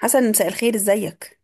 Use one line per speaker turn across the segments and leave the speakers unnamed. حسن، مساء الخير، ازيك؟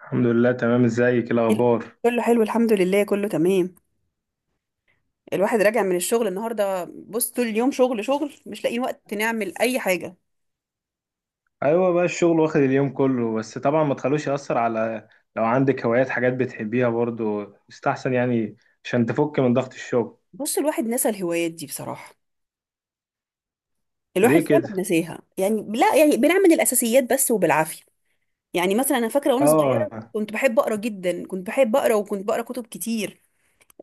الحمد لله، تمام. ازيك
ال-
الاخبار؟
كله حلو، الحمد لله، كله تمام. الواحد راجع من الشغل النهارده، بص طول اليوم شغل شغل مش لاقيين وقت نعمل اي حاجه.
ايوه بقى، الشغل واخد اليوم كله، بس طبعا ما تخلوش يأثر على، لو عندك هوايات حاجات بتحبيها برضو يستحسن يعني، عشان تفك من ضغط الشغل.
بص، الواحد نسى الهوايات دي بصراحه. الواحد
ليه
فعلا
كده؟
نساها، يعني لا يعني بنعمل الاساسيات بس وبالعافيه. يعني مثلا انا فاكره وانا صغيره
اه،
كنت بحب اقرا جدا، كنت بحب اقرا وكنت بقرا كتب كتير.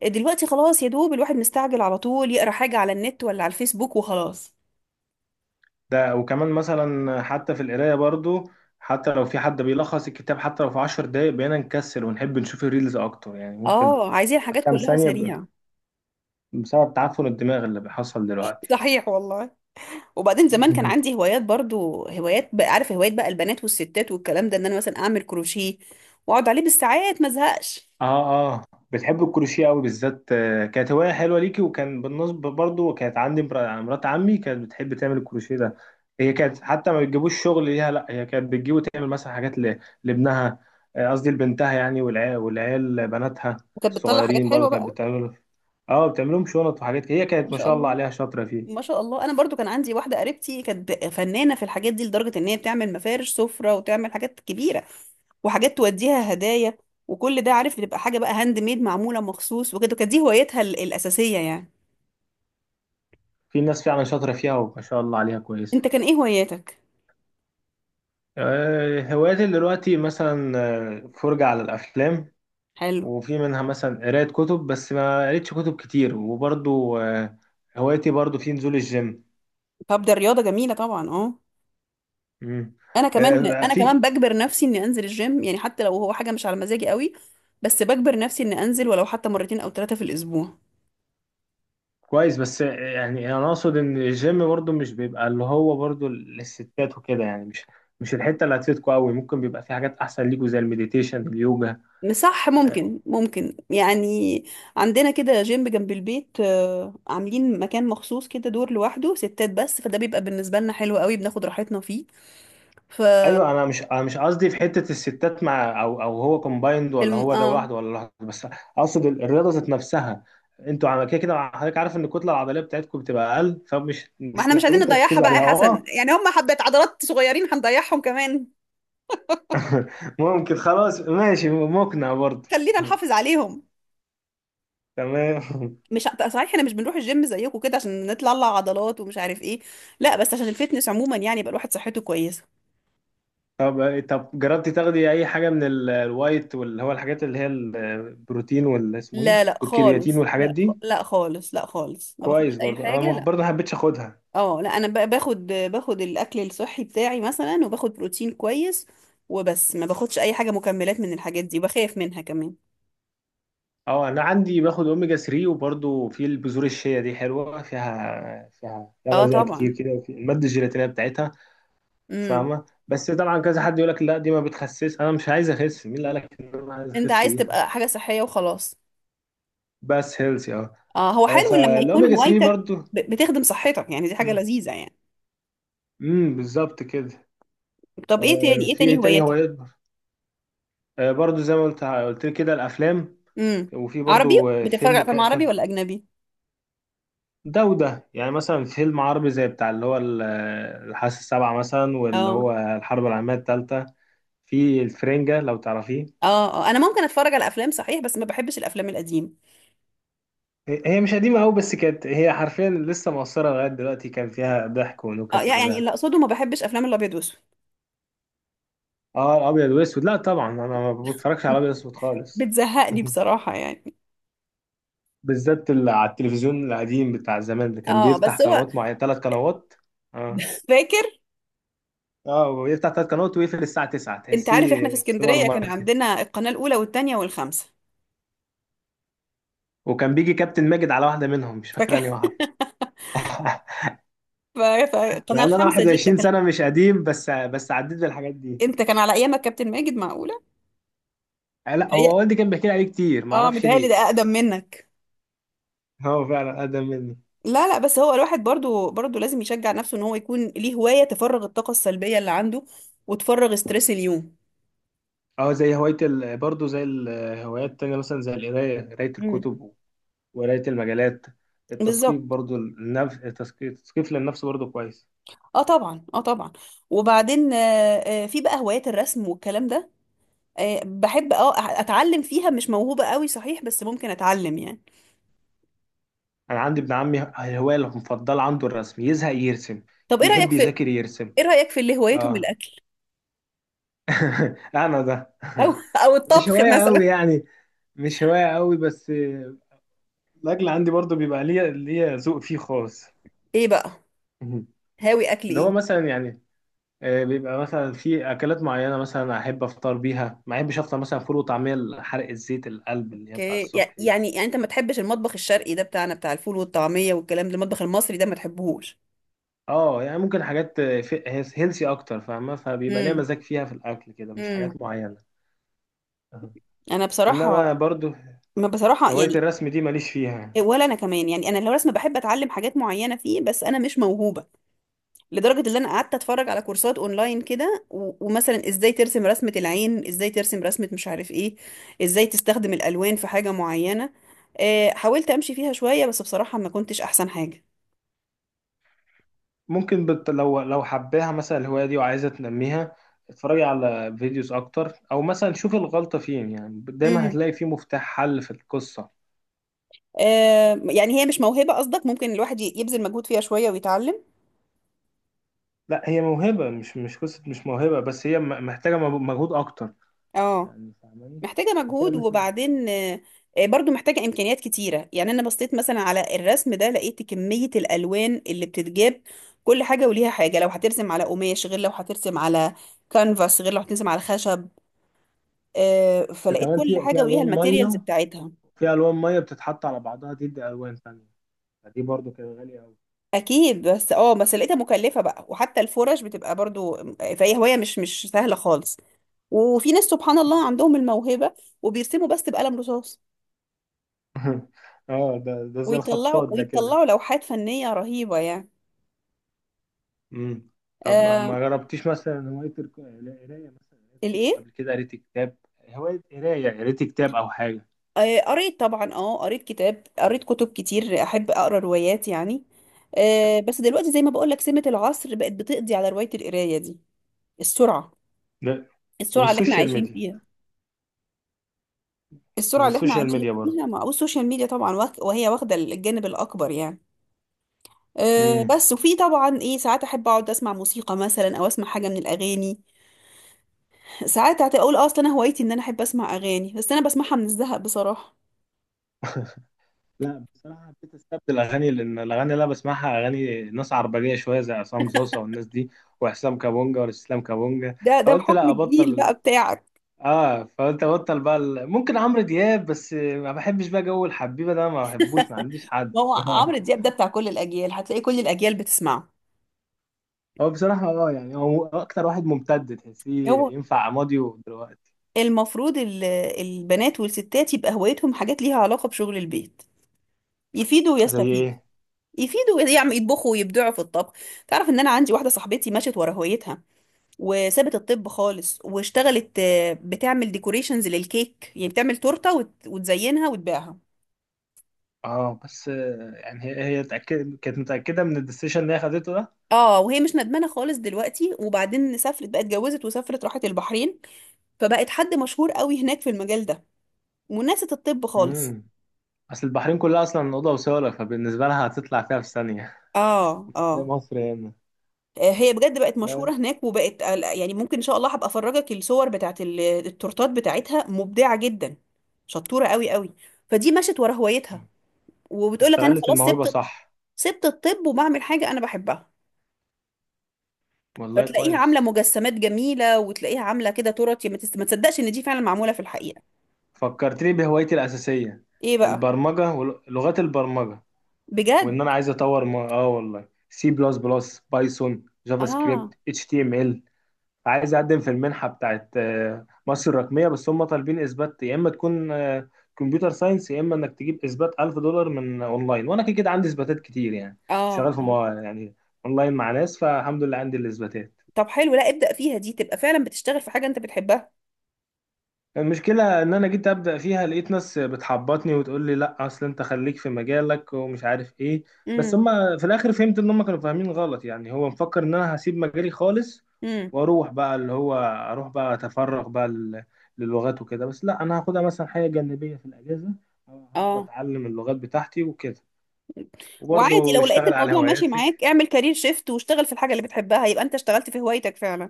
دلوقتي خلاص يا دوب الواحد مستعجل على طول يقرا حاجه على النت ولا على الفيسبوك وخلاص.
ده وكمان مثلا حتى في القرايه برضو، حتى لو في حد بيلخص الكتاب، حتى لو في عشر دقايق بقينا نكسل ونحب نشوف الريلز اكتر. يعني ممكن
اه، عايزين حاجات
كام
كلها
ثانيه
سريعه.
بسبب تعفن الدماغ اللي بيحصل دلوقتي.
صحيح والله. وبعدين زمان كان عندي هوايات، برضو هوايات بقى عارف هوايات بقى البنات والستات والكلام ده، ان انا مثلا اعمل كروشيه واقعد عليه بالساعات ما ازهقش.
اه، اه، بتحب الكروشيه قوي بالذات. كانت هوايه حلوه ليكي، وكان بالنسبه برضو كانت عندي مرات عمي كانت بتحب تعمل الكروشيه ده. هي كانت حتى ما بتجيبوش شغل ليها، لا هي كانت بتجيب وتعمل مثلا حاجات لابنها. قصدي لبنتها، يعني والعيال والعيال بناتها
وكانت بتطلع حاجات
الصغيرين برضو
حلوه
كانت
بقى.
بتعمل. اه، بتعملهم شنط وحاجات، هي كانت
ما
ما
شاء
شاء الله
الله،
عليها شاطره
ما
فيه.
شاء الله. انا برضو كان عندي واحده قريبتي كانت فنانه في الحاجات دي، لدرجه ان هي بتعمل مفارش سفره وتعمل حاجات كبيره وحاجات توديها هدايا. وكل ده عارف بتبقى حاجه بقى هاند ميد، معموله مخصوص وكده. كانت دي هوايتها الاساسيه يعني.
في ناس فعلا شاطره فيها وما شاء الله عليها كويسه.
انت كان ايه هواياتك؟
هواياتي دلوقتي مثلا، فرجه على الافلام،
حلو.
وفي منها مثلا قراية كتب بس ما قريتش كتب كتير، وبرضو هوايتي برضو في نزول الجيم.
طب ده الرياضه جميله طبعا، اه.
مم.
انا كمان انا كمان
في.
بجبر نفسي اني انزل الجيم، يعني حتى لو هو حاجه مش على مزاجي قوي. بس بجبر نفسي اني انزل ولو حتى مرتين او ثلاثه في الاسبوع.
كويس، بس يعني انا اقصد ان الجيم برضو مش بيبقى اللي هو برضو للستات وكده، يعني مش الحتة اللي هتفيدكوا قوي، ممكن بيبقى في حاجات احسن ليكوا زي المديتيشن، اليوجا.
صح.
آه،
ممكن يعني. عندنا كده جيم جنب البيت، آه، عاملين مكان مخصوص كده، دور لوحده ستات بس، فده بيبقى بالنسبه لنا حلو قوي، بناخد راحتنا فيه. ف
ايوه، انا مش قصدي في حته الستات مع او هو كومبايند، ولا هو ده
اه.
لوحده، ولا لوحده بس. اقصد الرياضه ذات نفسها. انتوا على كده كده حضرتك عارف ان الكتله العضليه بتاعتكم بتبقى اقل، فمش
ما
مش
احنا مش عايزين
محتاجين
نضيعها
تركزوا
بقى يا
عليها.
حسن،
اه.
يعني هم حبة عضلات صغيرين هنضيعهم كمان.
ممكن، خلاص ماشي، مقنع برضه.
خلينا نحافظ عليهم.
تمام.
مش، صحيح احنا مش بنروح الجيم زيكم كده عشان نطلع عضلات ومش عارف ايه. لا بس عشان الفتنس عموما، يعني يبقى الواحد صحته كويسه.
طب جربتي تاخدي اي حاجه من الوايت، واللي هو الحاجات اللي هي البروتين واللي اسمه ايه،
لا لا
والكرياتين
خالص،
والحاجات
لا
دي؟
لا خالص، لا خالص ما باخدش
كويس،
اي
برضه انا
حاجه، لا.
برضه ما حبيتش اخدها.
اه لا، انا باخد الاكل الصحي بتاعي مثلا، وباخد بروتين كويس وبس، ما باخدش اي حاجه مكملات من الحاجات دي، وبخاف منها كمان.
اه، انا عندي باخد اوميجا 3، وبرضو في البذور الشيا دي حلوه فيها
اه
غذاء
طبعا.
كتير كده، وفي الماده الجيلاتينيه بتاعتها.
امم.
فاهمه، بس طبعا كذا حد يقول لك لا دي ما بتخسس. انا مش عايز اخس، مين اللي قال لك ان انا عايز
انت
اخس
عايز
بيها؟
تبقى حاجه صحيه وخلاص.
بس هيلثي، اه.
اه هو حلو لما يكون
فالاوميجا 3
هوايتك
برضو.
بتخدم صحتك، يعني دي حاجه لذيذه يعني.
بالظبط كده.
طب ايه تاني، ايه
في
تاني
ايه تاني هو
هواياتك؟
يكبر. برضو زي ما قلت لك كده، الافلام،
امم.
وفي
عربي.
برضو
بتتفرج على
فيلم
افلام عربي
كان.
ولا اجنبي؟
ده وده، يعني مثلا فيلم عربي زي بتاع اللي هو الحاسة السابعة مثلا، واللي
اه
هو الحرب العالمية التالتة في الفرنجة، لو تعرفيه.
اه. اه انا ممكن اتفرج على افلام صحيح، بس ما بحبش الافلام القديمه.
هي مش قديمة أوي، بس كانت هي حرفيا لسه مؤثرة لغاية دلوقتي، كان فيها ضحك
اه
ونكت
يعني
وكده.
اللي اقصده ما بحبش افلام الابيض واسود.
اه، الأبيض وأسود، لا طبعا أنا ما بتفرجش على أبيض وأسود خالص.
بتزهقني بصراحه يعني.
بالذات اللي على التلفزيون القديم بتاع زمان، اللي كان
اه،
بيفتح
بس هو
قنوات معينة، ثلاث قنوات. اه،
فاكر.
اه، ويفتح ثلاث قنوات ويقفل الساعة 9،
انت عارف احنا في
تحسيه سوبر
اسكندريه كان
ماركت.
عندنا القناه الاولى والثانيه والخامسه.
وكان بيجي كابتن ماجد على واحدة منهم، مش
فاكر.
فاكر انهي واحدة.
ف-
مع
فالقناه
ان انا
الخامسه دي
21
كانت
سنه، مش قديم، بس عديت بالحاجات دي.
انت كان على ايامك كابتن ماجد؟ معقوله.
لا، هو
متهيأ.
والدي كان بيحكي لي عليه كتير،
اه
معرفش
متهيألي
ليه.
ده اقدم منك.
هو فعلا اقدم مني.
لا لا، بس هو الواحد برضو لازم يشجع نفسه ان هو يكون ليه هواية تفرغ الطاقة السلبية اللي عنده وتفرغ ستريس اليوم.
اه، زي هوايه برضه زي الهوايات التانية، مثلا زي قرايه
امم
الكتب، وقرايه المجلات، التثقيف
بالظبط.
برضه النفس، التثقيف للنفس برضه كويس.
اه طبعا، اه طبعا. وبعدين آه، آه، في بقى هوايات الرسم والكلام ده. آه بحب، اه اتعلم فيها، مش موهوبة قوي صحيح بس ممكن اتعلم يعني.
انا عندي ابن عمي، الهوايه المفضله عنده الرسم، يزهق يرسم،
طب ايه رأيك
يحب
في،
يذاكر يرسم.
ايه رأيك في اللي هوايتهم
اه.
الاكل،
انا ده.
او او
مش
الطبخ
هوايه قوي
مثلا؟
يعني، مش هوايه قوي بس. الاكل عندي برضو بيبقى ليا ذوق فيه خاص.
ايه بقى؟
مهم.
هاوي اكل
اللي هو
ايه؟
مثلا يعني، بيبقى مثلا في اكلات معينه، مثلا احب افطر بيها، ما احبش افطر مثلا فول وطعميه حرق الزيت القلب اللي هي بتاع
اوكي، يع-
الصبح دي.
يعني يعني انت ما تحبش المطبخ الشرقي ده بتاعنا، بتاع الفول والطعمية والكلام ده، المطبخ المصري ده ما تحبهوش.
اه، يعني ممكن حاجات هيلثي اكتر فاهمه، فبيبقى ليا مزاج فيها في الاكل كده، مش
امم.
حاجات معينه. أها.
انا
انما
بصراحه،
برضو
ما بصراحه
هوايه
يعني.
الرسم دي ماليش فيها.
ولا انا كمان يعني، انا الرسم بحب اتعلم حاجات معينه فيه بس انا مش موهوبه. لدرجه ان انا قعدت اتفرج على كورسات اونلاين كده ومثلا ازاي ترسم رسمه العين، ازاي ترسم رسمه مش عارف ايه، ازاي تستخدم الالوان في حاجه معينه. آه، حاولت امشي فيها شويه بس بصراحه ما كنتش احسن حاجه.
ممكن لو حباها مثلا الهواية دي وعايزة تنميها، اتفرجي على فيديوز أكتر، أو مثلا شوفي الغلطة فين. يعني دايما
امم.
هتلاقي فيه مفتاح حل في القصة.
آه، يعني هي مش موهبه قصدك، ممكن الواحد يبذل مجهود فيها شويه ويتعلم.
لا، هي موهبة، مش قصة، مش موهبة، بس هي محتاجة مجهود أكتر.
اه.
يعني فاهماني؟
محتاجة
محتاجة
مجهود،
مثلا،
وبعدين آه، آه، برضو محتاجة إمكانيات كتيرة، يعني أنا بصيت مثلا على الرسم ده لقيت كمية الألوان اللي بتتجاب، كل حاجة وليها حاجة، لو هترسم على قماش غير لو هترسم على كانفاس غير لو هترسم على خشب. آه،
ده
فلقيت
كمان
كل
في
حاجة
في
وليها
ألوان
الماتيريالز
مية،
بتاعتها.
في ألوان مية بتتحط على بعضها تدي ألوان تانية، فدي برضو كانت غالية أوي.
أكيد، بس اه بس لقيتها مكلفة بقى، وحتى الفرش بتبقى برضو آه، فهي هواية مش سهلة خالص. وفي ناس سبحان الله عندهم الموهبة وبيرسموا بس بقلم رصاص،
اه، ده زي
ويطلعوا
الخطاط ده كده.
ويطلعوا لوحات فنية رهيبة يعني.
امم طب ما
آه.
ما جربتيش مثلا هواية القراية؟ مثلا قريت كتب
الايه؟
قبل كده، قريت كتاب؟ هواية قراية، قريت كتاب أو حاجة؟
آه قريت طبعا، اه قريت كتاب، قريت كتب كتير، احب اقرا روايات يعني. آه بس دلوقتي زي ما بقول لك، سمة العصر بقت بتقضي على رواية القراية دي، السرعة،
لا،
السرعة اللي احنا
والسوشيال
عايشين
ميديا.
فيها. السرعة اللي احنا
والسوشيال
عايشين
ميديا
فيها
برضه.
مع والسوشيال ميديا طبعا، وهي واخدة الجانب الأكبر يعني. أه
امم.
بس وفي طبعا ايه ساعات احب اقعد اسمع موسيقى مثلا او اسمع حاجه من الاغاني. ساعات هتقول اصلا انا هوايتي ان انا احب اسمع اغاني، بس انا بسمعها من الزهق بصراحه.
لا بصراحة، حبيت استبدل أغاني، لأن الأغاني اللي أنا بسمعها أغاني ناس عربجية شوية، زي عصام صوصة والناس دي، وحسام كابونجا والاستسلام كابونجا،
ده
فقلت
بحكم
لا
الجيل
أبطل.
بقى بتاعك.
فقلت أبطل بقى ممكن عمرو دياب، بس ما بحبش بقى جو الحبيبة ده، ما بحبوش، ما عنديش حد.
ما هو عمرو دياب ده بتاع كل الاجيال، هتلاقي كل الاجيال بتسمعه.
هو بصراحة اه، يعني هو أكتر واحد ممتد، تحسيه
هو
ينفع ماضي دلوقتي.
المفروض البنات والستات يبقى هوايتهم حاجات ليها علاقه بشغل البيت، يفيدوا
زي
ويستفيدوا،
إيه؟
يفيدوا يعمل يطبخوا ويبدعوا في الطبخ. تعرف ان انا عندي واحده صاحبتي مشت ورا هوايتها، وسابت الطب خالص واشتغلت آه، بتعمل ديكوريشنز للكيك، يعني بتعمل تورته وتزينها وتبيعها.
اه، بس يعني هي كانت متأكدة من الديسيشن اللي هي خدته ده.
اه وهي مش ندمانه خالص دلوقتي، وبعدين سافرت بقى، اتجوزت وسافرت راحت البحرين، فبقت حد مشهور قوي هناك في المجال ده، وناست الطب خالص.
امم. أصل البحرين كلها أصلا أوضة وصالة، فبالنسبة لها هتطلع فيها في ثانية.
اه
زي
اه.
مصر هنا.
آه، هي بجد بقت مشهورة
آه.
هناك وبقت آه، لا، يعني ممكن ان شاء الله هبقى افرجك الصور بتاعت التورتات بتاعتها، مبدعة جدا، شطورة قوي قوي. فدي مشت ورا هوايتها، وبتقول لك انا
استغلت
خلاص
الموهبة،
سبت،
صح.
سبت الطب وبعمل حاجة انا بحبها.
والله
فتلاقيها عاملة
كويس.
مجسمات جميلة، وتلاقيها عاملة كده تورت ما تصدقش ان دي فعلا معمولة في الحقيقة.
فكرتني بهوايتي الأساسية،
ايه بقى؟
البرمجة ولغات البرمجة،
بجد.
وإن أنا عايز أطور والله، سي بلس بلس، بايثون، جافا سكريبت،
اه
اتش تي ام ال. عايز اقدم في المنحه بتاعت مصر الرقميه، بس هم طالبين اثبات، يا اما تكون كمبيوتر ساينس، يا اما انك تجيب اثبات 1000 دولار من اونلاين، وانا كده كده عندي اثباتات كتير، يعني كنت
اه
شغال في
اه.
يعني اونلاين مع ناس، فالحمد لله عندي الاثباتات.
طب حلو، لا ابدأ فيها، دي تبقى فعلا بتشتغل في حاجة انت بتحبها.
المشكلة إن أنا جيت أبدأ فيها لقيت ناس بتحبطني وتقول لي لأ أصل أنت خليك في مجالك ومش عارف إيه، بس
امم
هما في الآخر فهمت إن هما كانوا فاهمين غلط، يعني هو مفكر إن أنا هسيب مجالي خالص
امم.
وأروح بقى اللي هو أروح بقى أتفرغ بقى للغات وكده، بس لأ أنا هاخدها مثلا حاجة جانبية في الأجازة. هقعد
اه
أتعلم اللغات بتاعتي وكده،
وعادي،
وبرضه
لو لقيت
اشتغل على
الموضوع ماشي
هواياتك.
معاك اعمل كارير شيفت واشتغل في الحاجة اللي بتحبها، يبقى انت اشتغلت في هوايتك فعلا.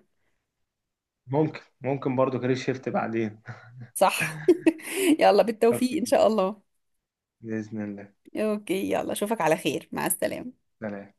ممكن برضه كارير شيفت بعدين.
صح. يلا
قلت
بالتوفيق ان
كده،
شاء الله.
بإذن الله.
اوكي يلا، اشوفك على خير، مع السلامة.
سلام.